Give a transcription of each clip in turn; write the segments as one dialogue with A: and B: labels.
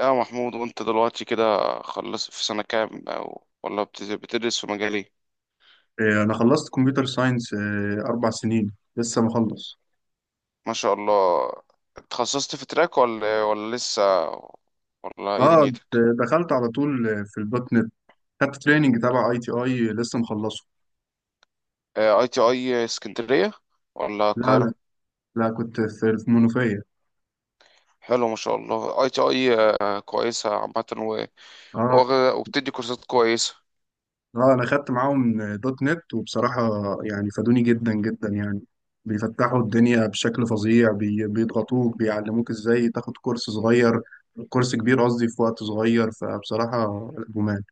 A: يا محمود، وانت دلوقتي كده خلصت في سنة كام او ولا بتدرس في مجال ايه؟
B: إيه، انا خلصت كمبيوتر ساينس 4 سنين. لسه مخلص.
A: ما شاء الله. اتخصصت في تراك ولا لسه، ولا ايه
B: اه،
A: دنيتك؟
B: دخلت على طول في الدوت نت. خدت تريننج تبع اي تي اي، لسه مخلصه.
A: اي تي اي اسكندرية ولا
B: لا، لا،
A: القاهرة؟
B: لا كنت في منوفيه.
A: حلو ما شاء الله اي تي اي. كويسة عامة
B: اه،
A: وبتدي كورسات كويسة.
B: اه، انا خدت معاهم دوت نت. وبصراحه يعني فادوني جدا جدا، يعني بيفتحوا الدنيا بشكل فظيع. بيضغطوك، بيعلموك ازاي تاخد كورس صغير، كورس كبير قصدي، في وقت صغير. فبصراحه جمال.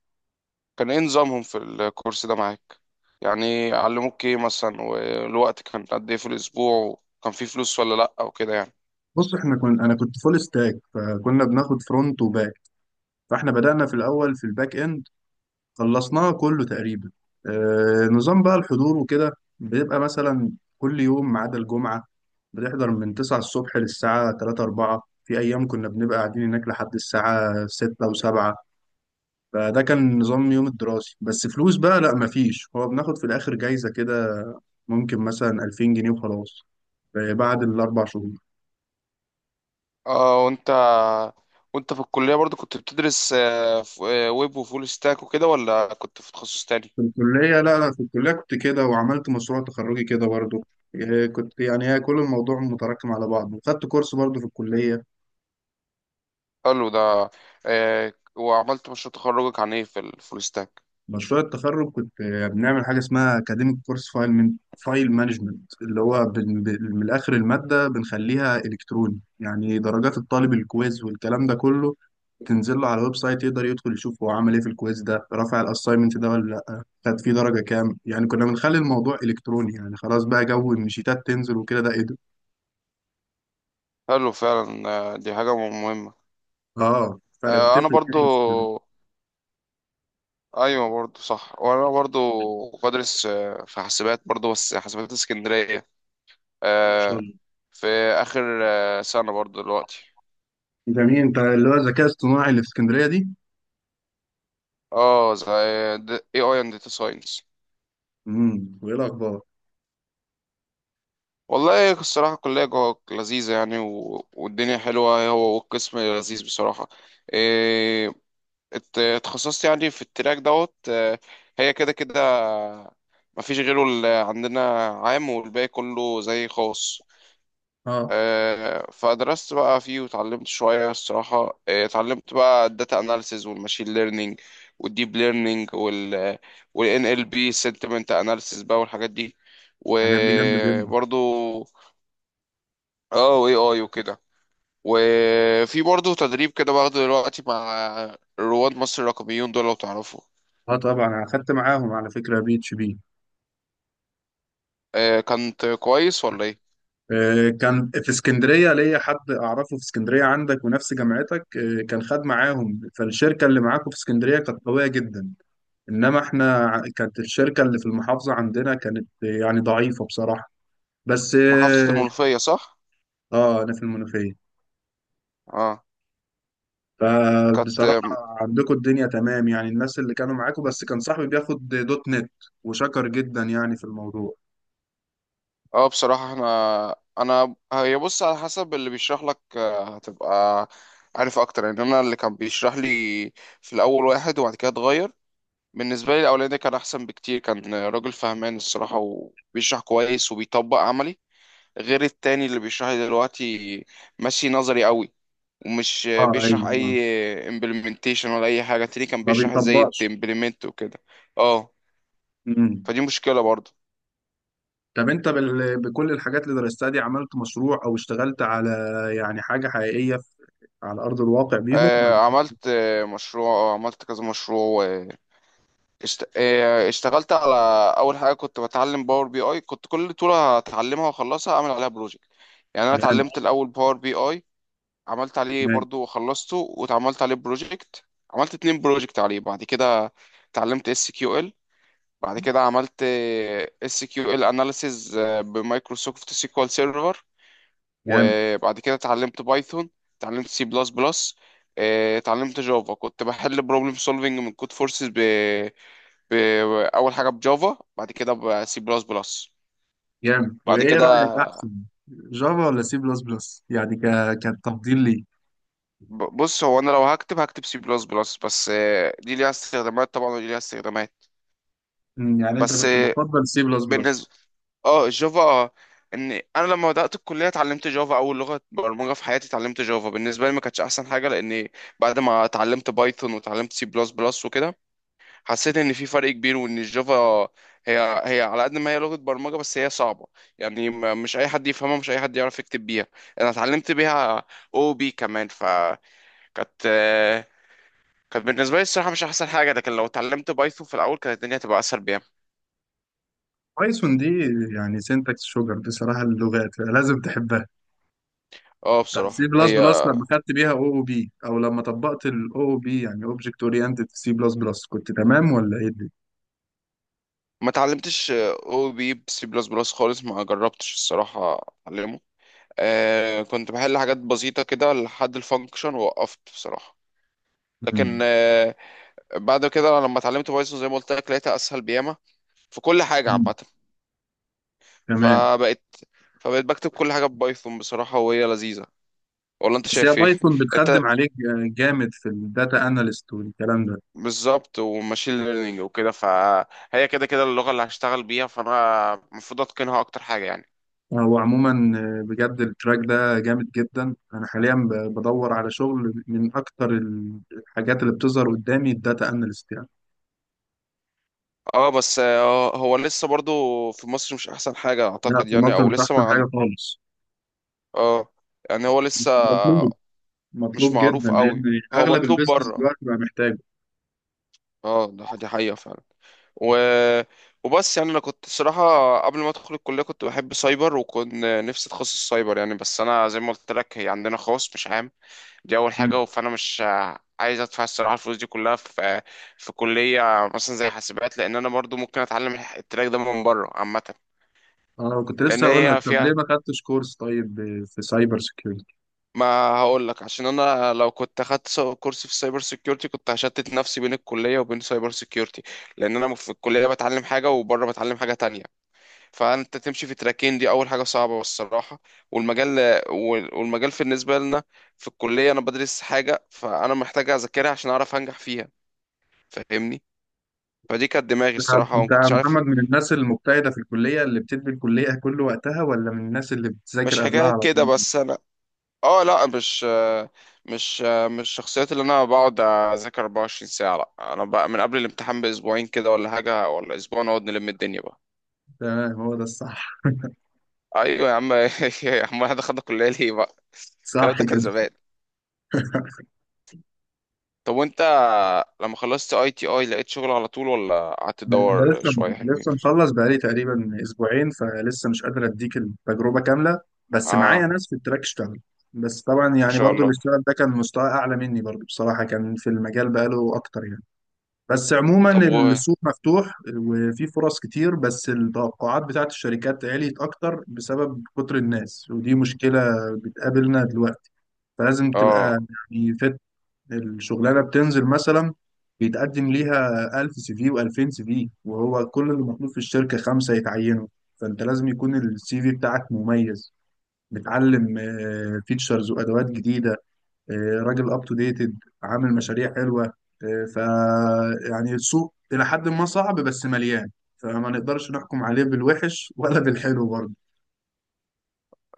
A: كان ايه نظامهم في الكورس ده معاك؟ يعني علموك ايه مثلا، والوقت كان قد ايه في الاسبوع، وكان في فلوس ولا لا او كده يعني؟
B: بص، احنا كنا انا كنت فول ستاك، فكنا بناخد فرونت وباك. فاحنا بدأنا في الأول في الباك إند، خلصناه كله تقريبا. نظام بقى الحضور وكده، بيبقى مثلا كل يوم ما عدا الجمعة بنحضر من 9 الصبح للساعة 3 4. في أيام كنا بنبقى قاعدين هناك لحد الساعة 6 و7. فده كان نظام يوم الدراسي. بس فلوس بقى لا، مفيش، هو بناخد في الآخر جايزة كده، ممكن مثلا 2000 جنيه وخلاص. بعد الأربع شهور.
A: اه. وانت في الكلية برضو كنت بتدرس ويب وفول ستاك وكده، ولا كنت في تخصص تاني؟
B: في الكلية، لا، لا، في الكلية كنت كده، وعملت مشروع تخرجي كده برضو. كنت، يعني هي كل الموضوع متراكم على بعضه، وخدت كورس برضو في الكلية.
A: حلو ده. وعملت مشروع تخرجك عن ايه في الفول ستاك؟
B: مشروع التخرج كنت بنعمل حاجة اسمها أكاديميك كورس فايل من فايل مانجمنت، اللي هو من الآخر المادة بنخليها إلكتروني. يعني درجات الطالب، الكويز والكلام ده كله، تنزل له على الويب سايت، يقدر يدخل يشوف هو عمل ايه في الكويز ده، رفع الاساينمنت ده ولا لا، خد فيه درجة كام. يعني كنا بنخلي الموضوع إلكتروني، يعني خلاص بقى جو إن شيتات تنزل وكده ده.
A: حلو فعلا. دي حاجة مهمة.
B: اه، فرق
A: انا
B: بتفرق
A: برضو.
B: جدا في
A: ايوه برضو صح. وانا برضو بدرس في حاسبات برضو، بس حاسبات اسكندرية، آه،
B: الشغل.
A: في اخر سنة برضو دلوقتي.
B: جميل، انت اللي هو الذكاء الصناعي اللي في اسكندريه دي.
A: اه، زي اي اي اند داتا ساينس.
B: وايه الاخبار؟
A: والله الصراحة الكلية جوه لذيذة يعني، والدنيا حلوة هو، والقسم لذيذ بصراحة. إيه... اتخصصت يعني في التراك دوت. هي كده كده، مفيش غيره، اللي عندنا عام والباقي كله زي خاص.
B: اه،
A: فدرست بقى فيه وتعلمت شوية الصراحة. اتعلمت بقى الداتا اناليسز والماشين ليرنينج والديب ليرنينج وال NLP sentiment analysis بقى، والحاجات دي
B: الحاجات دي جامده جدا.
A: وبرضو اه واي اي وكده. وفي برضه تدريب كده باخده دلوقتي مع رواد مصر الرقميون دول، لو تعرفوا.
B: اه، طبعا انا اخدت معاهم على فكره بي اتش بي.
A: كانت كويس ولا ايه؟
B: آه كان في اسكندريه ليا حد اعرفه، في اسكندريه عندك ونفس جامعتك، آه كان خد معاهم، فالشركه اللي معاكم في اسكندريه كانت قويه جدا. انما احنا، كانت الشركه اللي في المحافظه عندنا كانت يعني ضعيفه بصراحه. بس
A: محافظة
B: اه.
A: المنوفية، صح؟
B: آه، انا في المنوفيه.
A: اه كانت.
B: فبصراحة عندكم الدنيا تمام، يعني الناس اللي كانوا معاكم. بس كان صاحبي بياخد دوت نت، وشكر جدا يعني في الموضوع.
A: اه، بصراحة احنا. انا هي بص، على حسب اللي بيشرح لك هتبقى عارف اكتر يعني. انا اللي كان بيشرح لي في الاول واحد، وبعد كده اتغير. بالنسبة لي الاولاني ده كان احسن بكتير، كان راجل فهمان الصراحة وبيشرح كويس وبيطبق عملي. غير التاني اللي بيشرح لي دلوقتي، ماشي نظري قوي ومش
B: اه،
A: بيشرح
B: ايوه، آه.
A: اي implementation ولا اي حاجه. التاني كان
B: ما
A: بيشرح ازاي
B: بيطبقش.
A: تimplement وكده. اه،
B: امم
A: فدي مشكله برضو.
B: طب انت بكل الحاجات اللي درستها دي، عملت مشروع او اشتغلت على يعني حاجة حقيقية على أرض الواقع بيهم، ولا؟
A: عملت، مشروع، عملت كذا مشروع. اشتغلت على اول حاجه كنت بتعلم باور بي اي. كنت كل طوله هتعلمها واخلصها اعمل عليها بروجكت. يعني انا
B: جامد.
A: اتعلمت الاول باور بي اي، عملت عليه
B: جامد.
A: برضو وخلصته واتعملت عليه بروجكت. عملت اتنين بروجكت عليه. بعد كده اتعلمت اس كيو ال. بعد كده عملت اس كيو ال اناليسيز بمايكروسوفت سيكوال سيرفر.
B: جامد.
A: وبعد كده اتعلمت بايثون، اتعلمت سي بلس بلس، اتعلمت جافا. كنت بحل بروبلم سولفنج من كود فورسز ب... اول حاجه بجافا، بعد كده بسي بلس بلس.
B: جامد.
A: بعد
B: وايه
A: كده،
B: رأيك احسن، جافا ولا سي بلس بلس؟ يعني كتفضيل لي،
A: بص هو. انا لو هكتب سي بلس بلس بس، دي ليها استخدامات طبعا، ودي ليها استخدامات
B: يعني انت
A: بس.
B: كنت بتفضل سي بلس بلس؟
A: بالنسبه. اه جافا. اه انا لما بدات الكليه اتعلمت جافا، اول لغه برمجه في حياتي اتعلمت جافا. بالنسبه لي ما كانتش احسن حاجه، لان بعد ما اتعلمت بايثون واتعلمت سي بلس بلس وكده، حسيت ان في فرق كبير، وان الجافا هي على قد ما هي لغه برمجه بس هي صعبه. يعني مش اي حد يفهمها، مش اي حد يعرف يكتب بيها. انا اتعلمت بيها او بي كمان فكانت. آه، كانت بالنسبه لي الصراحه مش احسن حاجه، لكن لو اتعلمت بايثون في الاول كانت الدنيا هتبقى اسهل بيها.
B: بايثون دي يعني سينتاكس شوجر بصراحة، اللغات لازم تحبها.
A: اه
B: طب سي
A: بصراحه
B: بلس
A: هي.
B: بلس، لما خدت بيها او او بي، او لما طبقت الاو او بي، يعني اوبجكت اورينتد سي بلس بلس، كنت تمام ولا ايه دي؟
A: ما اتعلمتش او بي بسي بلس بلس خالص، ما جربتش الصراحة. اتعلمه. كنت بحل حاجات بسيطة كده لحد الفانكشن ووقفت بصراحة. لكن
B: مم.
A: بعد كده لما اتعلمت بايثون زي ما قلت لك، لقيتها اسهل بياما في كل حاجة
B: مم.
A: عامة.
B: تمام.
A: فبقيت فبقيت بكتب كل حاجة ببايثون بصراحة، وهي لذيذة. ولا انت
B: بس هي
A: شايف ايه؟
B: بايثون
A: انت
B: بتخدم عليك جامد في الداتا اناليست والكلام ده.
A: بالظبط، وماشين ليرنينج وكده. فهي كده كده اللغة اللي هشتغل بيها، فانا المفروض اتقنها اكتر حاجة يعني.
B: هو عموما، بجد التراك ده جامد جدا. انا حاليا بدور على شغل، من اكتر الحاجات اللي بتظهر قدامي الداتا اناليست. يعني
A: اه بس. هو لسه برضو في مصر مش احسن حاجة
B: لا،
A: اعتقد
B: في
A: يعني،
B: مصر
A: او
B: مش
A: لسه
B: احسن
A: ما عن...
B: حاجة خالص.
A: اه يعني هو لسه مش
B: مطلوب جدا
A: معروف قوي.
B: لان
A: هو
B: اغلب
A: مطلوب
B: البيزنس
A: بره.
B: دلوقتي بقى محتاجه.
A: اه، دي حقيقة فعلا. و... وبس يعني انا كنت صراحة قبل ما ادخل الكلية كنت بحب سايبر، وكنت نفسي اتخصص سايبر يعني، بس انا زي ما قلت لك هي عندنا خاص مش عام. دي اول
B: مم.
A: حاجة. فانا مش عايز ادفع الصراحة الفلوس دي كلها في كلية مثلا زي حاسبات، لان انا برضو ممكن اتعلم التراك ده من بره عامة.
B: انا كنت
A: لان
B: لسه اقول لك،
A: هي
B: طب ليه
A: فيها.
B: ما خدتش كورس طيب في سايبر سيكيورتي؟
A: ما هقول لك، عشان انا لو كنت اخدت كورس في سايبر سيكيورتي، كنت هشتت نفسي بين الكليه وبين سايبر سيكيورتي. لان انا في الكليه بتعلم حاجه، وبره بتعلم حاجه تانية، فانت تمشي في تراكين، دي اول حاجه صعبه الصراحه. والمجال، والمجال في بالنسبه لنا في الكليه. انا بدرس حاجه، فانا محتاج اذاكرها عشان اعرف انجح فيها، فاهمني. فدي كانت دماغي الصراحه وما
B: انت يا
A: كنتش عارف.
B: محمد من الناس المجتهده في الكليه اللي بتدي الكليه كل وقتها، ولا من الناس اللي بتذاكر
A: مش
B: قبلها
A: حكايه
B: على طول؟
A: كده بس. اه، لا، مش مش الشخصيات اللي انا بقعد اذاكر 24 ساعة. لا انا بقى من قبل الامتحان باسبوعين كده ولا حاجة، ولا اسبوع، نقعد نلم الدنيا بقى.
B: تمام، هو ده الصح.
A: ايوه يا عم. يا عم احنا دخلنا كلية ليه بقى؟ الكلام
B: صح
A: ده كان
B: كده.
A: زمان. طب وانت لما خلصت اي تي اي، لقيت شغل على طول ولا قعدت
B: انا
A: تدور
B: لسه
A: شوية حلوين؟
B: لسه مخلص بقالي تقريبا اسبوعين، فلسه مش قادر اديك التجربه كامله. بس معايا
A: اه،
B: ناس في التراك اشتغل. بس طبعا
A: ما
B: يعني
A: شاء
B: برضو اللي
A: الله.
B: اشتغل ده كان مستوى اعلى مني برضو بصراحه، كان في المجال بقاله اكتر يعني. بس عموما
A: طب و
B: السوق مفتوح وفي فرص كتير، بس التوقعات بتاعت الشركات عليت أكتر بسبب كتر الناس، ودي مشكلة بتقابلنا دلوقتي. فلازم
A: اه
B: تبقى، يعني الشغلانة بتنزل مثلا، بيتقدم ليها 1000 سي في و2000 سي في، وهو كل اللي مطلوب في الشركة خمسة يتعينوا. فأنت لازم يكون السي في بتاعك مميز، بتعلم فيتشرز وأدوات جديدة، آه، راجل اب تو ديتد، عامل مشاريع حلوه. آه، ف يعني السوق الى حد ما صعب بس مليان، فما نقدرش نحكم عليه بالوحش ولا بالحلو برضه.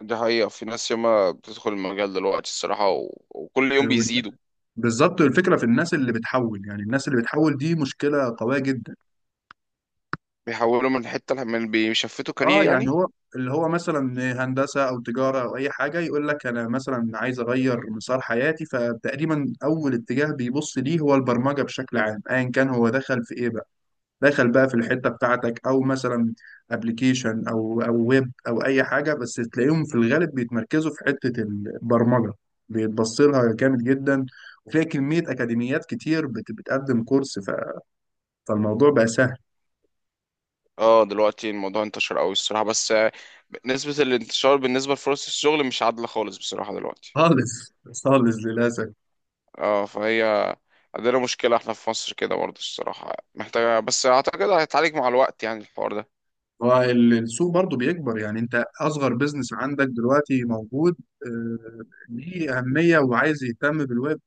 A: دي حقيقة، في ناس ياما بتدخل المجال دلوقتي الصراحة، وكل يوم
B: آه، وال-
A: بيزيدوا.
B: بالظبط، الفكره في الناس اللي بتحول، يعني الناس اللي بتحول دي مشكله قويه جدا.
A: بيحولوا من حتة، من بيشفتوا كارير
B: اه، يعني
A: يعني.
B: هو اللي هو مثلا هندسه او تجاره او اي حاجه، يقول لك انا مثلا عايز اغير مسار حياتي، فتقريبا اول اتجاه بيبص ليه هو البرمجه بشكل عام، ايا كان هو دخل في ايه بقى. دخل بقى في الحته بتاعتك، او مثلا ابلكيشن او ويب او اي حاجه، بس تلاقيهم في الغالب بيتمركزوا في حته البرمجه، بيتبص لها جامد جدا، وفيها كميه اكاديميات كتير بتقدم كورس. فالموضوع بقى سهل.
A: اه دلوقتي الموضوع انتشر قوي الصراحة، بس نسبة الانتشار بالنسبة لفرص الشغل مش عادلة خالص بصراحة دلوقتي.
B: خالص، خالص للاسف.
A: اه، فهي عندنا مشكلة احنا في مصر كده برضه الصراحة محتاجة، بس اعتقد هيتعالج مع الوقت يعني الحوار ده.
B: والسوق برضو بيكبر، يعني انت اصغر بيزنس عندك دلوقتي موجود، ليه اهميه وعايز يهتم بالويب